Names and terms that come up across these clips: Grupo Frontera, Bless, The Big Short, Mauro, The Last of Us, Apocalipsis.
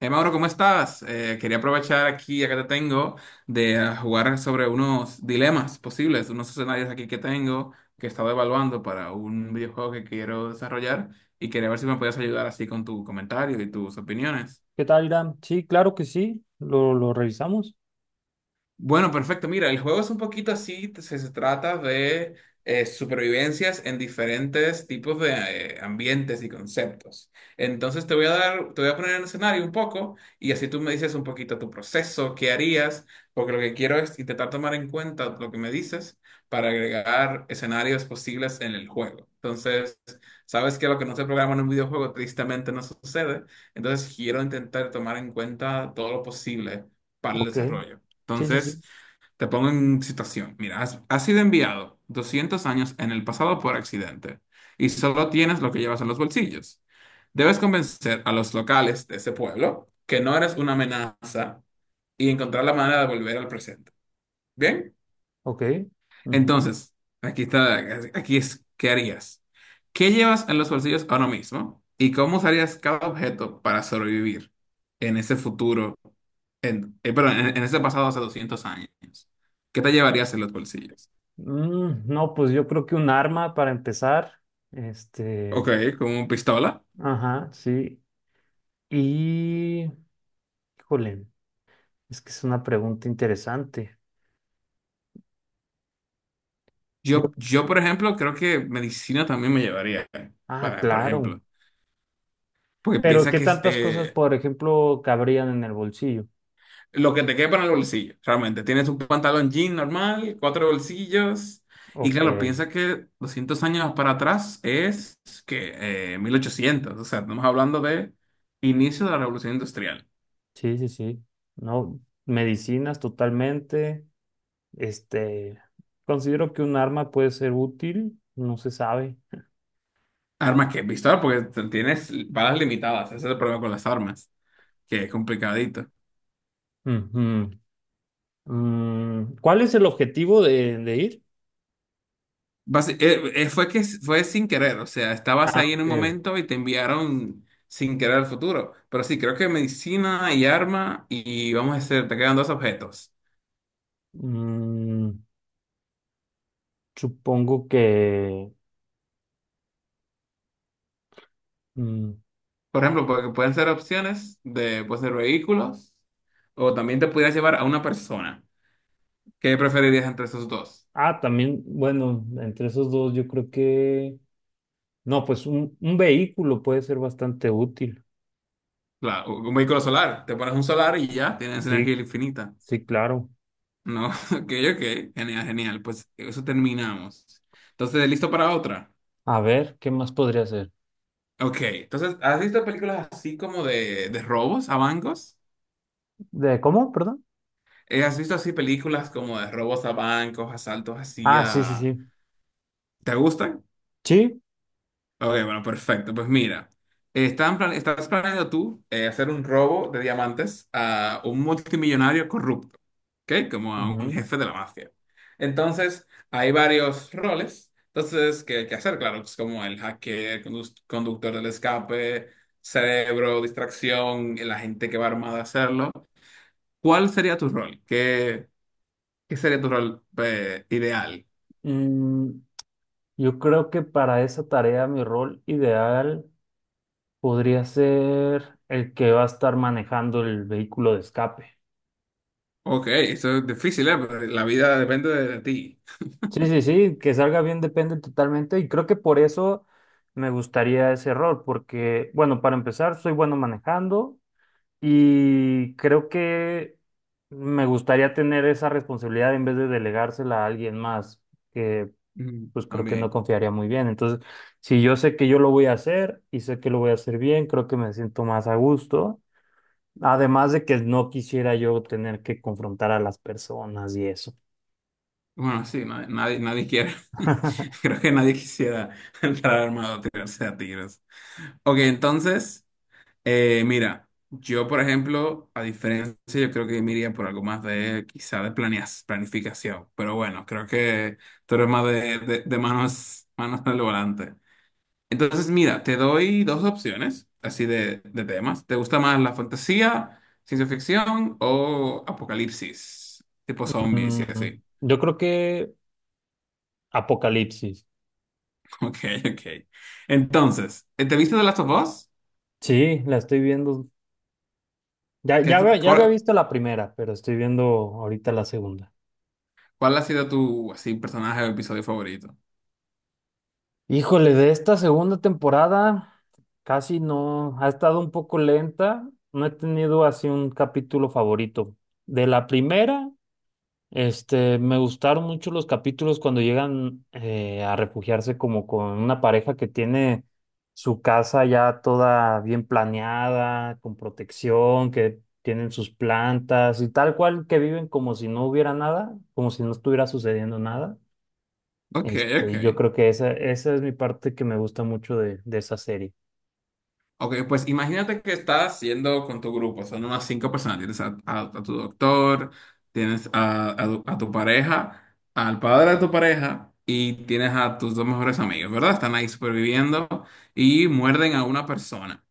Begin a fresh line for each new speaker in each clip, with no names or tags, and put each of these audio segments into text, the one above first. Mauro, ¿cómo estás? Quería aprovechar aquí, acá te tengo, jugar sobre unos dilemas posibles, unos escenarios aquí que tengo, que he estado evaluando para un videojuego que quiero desarrollar y quería ver si me puedes ayudar así con tu comentario y tus opiniones.
¿Qué tal, Irán? Sí, claro que sí. Lo revisamos.
Bueno, perfecto. Mira, el juego es un poquito así, se trata de supervivencias en diferentes tipos de ambientes y conceptos. Entonces te voy a dar, te voy a poner en escenario un poco y así tú me dices un poquito tu proceso, qué harías, porque lo que quiero es intentar tomar en cuenta lo que me dices para agregar escenarios posibles en el juego. Entonces, sabes que lo que no se programa en un videojuego tristemente no sucede, entonces quiero intentar tomar en cuenta todo lo posible para el
Ok.
desarrollo.
Sí, sí,
Entonces,
sí.
te pongo en situación. Mira, has sido enviado 200 años en el pasado por accidente y solo tienes lo que llevas en los bolsillos. Debes convencer a los locales de ese pueblo que no eres una amenaza y encontrar la manera de volver al presente. ¿Bien?
Ok. Ujú.
Entonces, aquí está, aquí es, ¿qué harías? ¿Qué llevas en los bolsillos ahora mismo? ¿Y cómo usarías cada objeto para sobrevivir en ese futuro, en, perdón, en ese pasado hace 200 años? ¿Qué te llevarías en los bolsillos?
No, pues yo creo que un arma para empezar. Este.
Ok, como pistola.
Ajá, sí. Y. Híjole, es que es una pregunta interesante. Yo-
Yo, por ejemplo, creo que medicina también me llevaría,
Ah,
para, por
claro.
ejemplo, porque
Pero,
piensa
¿qué
que es,
tantas cosas, por ejemplo, cabrían en el bolsillo?
lo que te quepa en el bolsillo, realmente. Tienes un pantalón jean normal, cuatro bolsillos. Y
Ok.
claro, piensa que 200 años para atrás es que 1800. O sea, estamos hablando de inicio de la revolución industrial.
Sí, sí, sí. No, medicinas totalmente. Este, considero que un arma puede ser útil, no se sabe.
Armas que, pistola, porque tienes balas limitadas. Ese es el problema con las armas, que es complicadito.
Ujú. ¿Cuál es el objetivo de ir?
Fue sin querer. O sea, estabas
Ah,
ahí en un
ok.
momento y te enviaron sin querer al futuro. Pero sí, creo que medicina y arma. Y vamos a hacer, te quedan dos objetos.
Mm, Supongo que... mm,
Por ejemplo, porque pueden ser opciones de, pues, de vehículos o también te pudieras llevar a una persona. ¿Qué preferirías entre esos dos?
ah, también, bueno, entre esos dos yo creo que... No, pues un vehículo puede ser bastante útil.
Un vehículo solar. Te pones un solar y ya tienes
Sí,
energía infinita.
sí, claro.
No, ok, ok. Genial, genial. Pues eso terminamos. Entonces, ¿listo para otra?
A ver, ¿qué más podría ser?
Ok. Entonces, ¿has visto películas así como de robos a bancos?
¿De cómo? Perdón.
¿Has visto así películas como de robos a bancos, asaltos así
Ah, sí, sí,
a...
sí.
¿Te gustan?
Sí.
Ok, bueno, perfecto. Pues mira, estás planeando tú hacer un robo de diamantes a un multimillonario corrupto, ¿ok? Como a un
Ujú.
jefe de la mafia. Entonces, hay varios roles. Entonces, ¿qué hay que hacer? Claro, pues como el hacker, conductor del escape, cerebro, distracción, la gente que va armada a hacerlo. ¿Cuál sería tu rol? ¿Qué sería tu rol ideal?
Mm, Yo creo que para esa tarea mi rol ideal podría ser el que va a estar manejando el vehículo de escape.
Ok, eso es difícil, ¿eh? Pero la vida depende de ti.
Sí, sí, sí, que salga bien depende totalmente y creo que por eso me gustaría ese rol, porque bueno, para empezar, soy bueno manejando y creo que me gustaría tener esa responsabilidad en vez de delegársela a alguien más,
Mm,
pues creo que no
también.
confiaría muy bien. Entonces, si yo sé que yo lo voy a hacer y sé que lo voy a hacer bien, creo que me siento más a gusto. Además de que no quisiera yo tener que confrontar a las personas y eso.
Bueno, sí, nadie, nadie, nadie quiere. Creo que nadie quisiera entrar armado a tirarse a tiros. Ok, entonces, mira, yo, por ejemplo, a diferencia, yo creo que me iría por algo más de, quizá de planificación. Pero bueno, creo que tú eres más de manos al volante. Entonces, mira, te doy dos opciones, así de temas. ¿Te gusta más la fantasía, ciencia ficción o apocalipsis, tipo zombies y así?
Yo creo que Apocalipsis.
Ok, ok. Entonces, ¿te viste The Last of Us?
Sí, la estoy viendo. Ya,
¿Qué
ya,
es tu-
ya había
cuál,
visto la primera, pero estoy viendo ahorita la segunda.
cuál ha sido tu así, personaje o episodio favorito?
Híjole, de esta segunda temporada casi no, ha estado un poco lenta, no he tenido así un capítulo favorito. De la primera, este, me gustaron mucho los capítulos cuando llegan a refugiarse como con una pareja que tiene su casa ya toda bien planeada, con protección, que tienen sus plantas y tal cual que viven como si no hubiera nada, como si no estuviera sucediendo nada.
Ok,
Este, yo
ok.
creo que esa es mi parte que me gusta mucho de esa serie.
Ok, pues imagínate que estás haciendo con tu grupo, son unas cinco personas. Tienes a, a tu doctor, tienes a tu pareja, al padre de tu pareja y tienes a tus dos mejores amigos, ¿verdad? Están ahí superviviendo y muerden a una persona.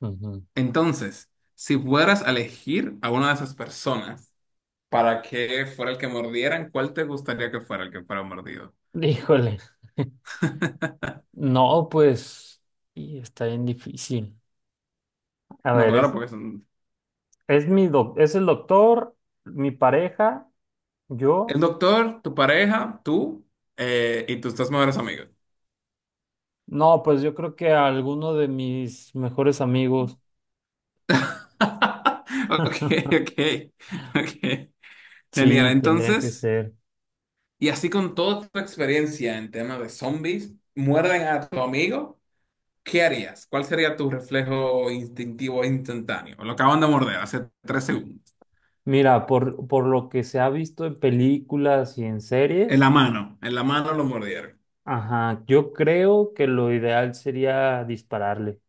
Ujú.
Entonces, si fueras a elegir a una de esas personas, para que fuera el que mordieran, ¿cuál te gustaría que fuera el que fuera mordido?
Híjole. No, pues, y está bien difícil. A
No,
ver,
claro, porque son
es el doctor, mi pareja,
el
yo.
doctor, tu pareja, tú y tus dos mejores amigos.
No, pues yo creo que alguno de mis mejores amigos.
Ok, ok, ok. Genial.
Sí, tendrían que
Entonces,
ser.
y así con toda tu experiencia en tema de zombies, muerden a tu amigo, ¿qué harías? ¿Cuál sería tu reflejo instintivo instantáneo? Lo acaban de morder hace 3 segundos.
Mira, por lo que se ha visto en películas y en series,
En la mano lo mordieron.
ajá, yo creo que lo ideal sería dispararle.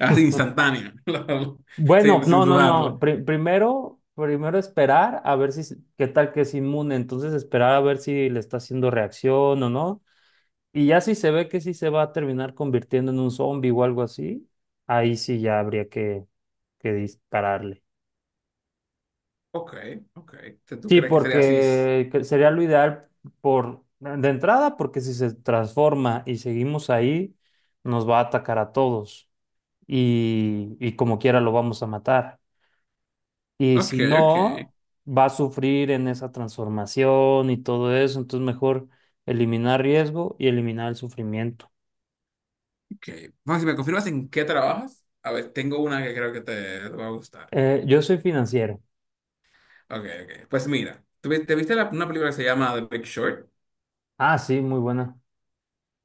Así instantánea, sin,
Bueno,
sin
no, no,
dudarla.
no. Primero esperar a ver si, qué tal que es inmune. Entonces esperar a ver si le está haciendo reacción o no. Y ya si se ve que sí se va a terminar convirtiendo en un zombie o algo así, ahí sí ya habría que dispararle.
Ok, ok. Entonces, ¿tú
Sí,
crees que sería así?
porque que sería lo ideal por de entrada, porque si se transforma y seguimos ahí, nos va a atacar a todos y como quiera lo vamos a matar. Y
Ok,
si
ok,
no, va a sufrir en esa transformación y todo eso. Entonces, mejor eliminar riesgo y eliminar el sufrimiento.
ok. Bueno, si me confirmas en qué trabajas, a ver, tengo una que creo que te va a gustar.
Yo soy financiero.
Ok, ok. Pues mira, ¿te viste una película que se llama The Big Short?
Ah, sí, muy buena.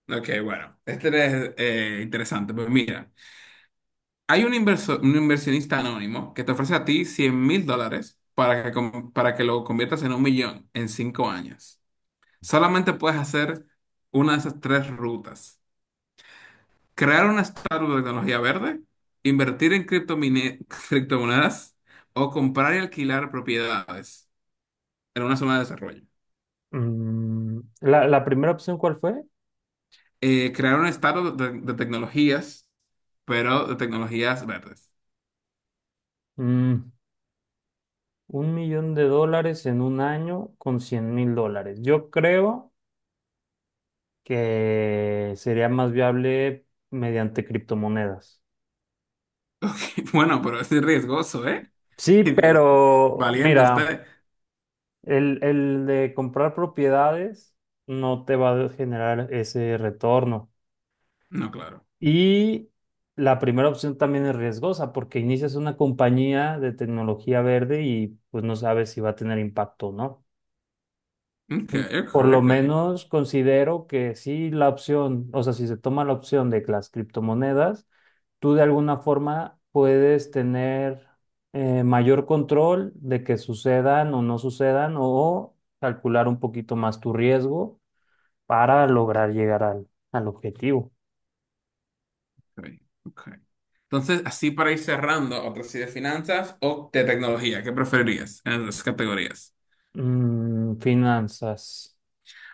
Ok, bueno, este es interesante. Pues mira, hay un inversionista anónimo que te ofrece a ti $100.000 para que, para que lo conviertas en un millón en 5 años. Solamente puedes hacer una de esas tres rutas. Crear una startup de tecnología verde, invertir en criptomonedas o comprar y alquilar propiedades en una zona de desarrollo.
La primera opción, ¿cuál fue?
Crear una startup de tecnologías, pero de tecnologías verdes.
Mm, 1 millón de dólares en un año con 100,000 dólares. Yo creo que sería más viable mediante criptomonedas.
Ok, bueno, pero es riesgoso, ¿eh?
Sí, pero
Valiente
mira.
usted.
El de comprar propiedades no te va a generar ese retorno.
No, claro.
Y la primera opción también es riesgosa porque inicias una compañía de tecnología verde y pues no sabes si va a tener impacto o no.
Ok,
mm,
ok,
Por lo
ok.
menos considero que sí la opción, o sea, si se toma la opción de que las criptomonedas, tú de alguna forma puedes tener mayor control de que sucedan o no sucedan o calcular un poquito más tu riesgo para lograr llegar al objetivo.
Ok, ok. Entonces, así para ir cerrando, otra sí de finanzas o de tecnología, ¿qué preferirías en las dos categorías?
Finanzas.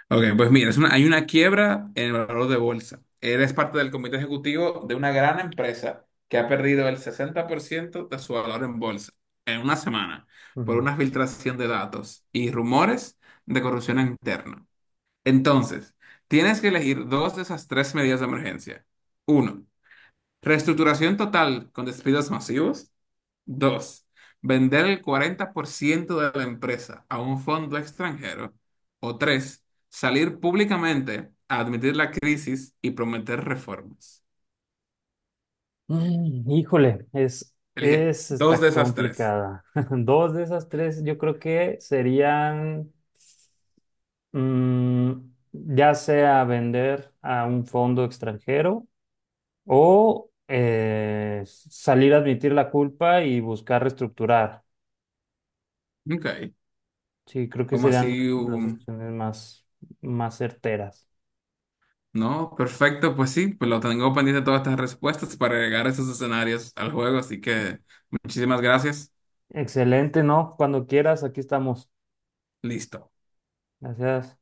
Ok, pues mira, hay una quiebra en el valor de bolsa. Eres parte del comité ejecutivo de una gran empresa que ha perdido el 60% de su valor en bolsa en una semana por
Mm.
una filtración de datos y rumores de corrupción interna. Entonces, tienes que elegir dos de esas tres medidas de emergencia. Uno, reestructuración total con despidos masivos. Dos, vender el 40% de la empresa a un fondo extranjero. O tres, salir públicamente a admitir la crisis y prometer reformas.
Híjole,
Elige dos
está
de esas tres.
complicada. Dos de esas tres yo creo que serían... Ya sea vender a un fondo extranjero o salir a admitir la culpa y buscar reestructurar.
Ok,
Sí, creo que
¿como
serían
así?
las opciones más certeras.
No, perfecto, pues sí, pues lo tengo pendiente todas estas respuestas para agregar esos escenarios al juego, así que muchísimas gracias.
Excelente, ¿no? Cuando quieras, aquí estamos.
Listo.
Gracias.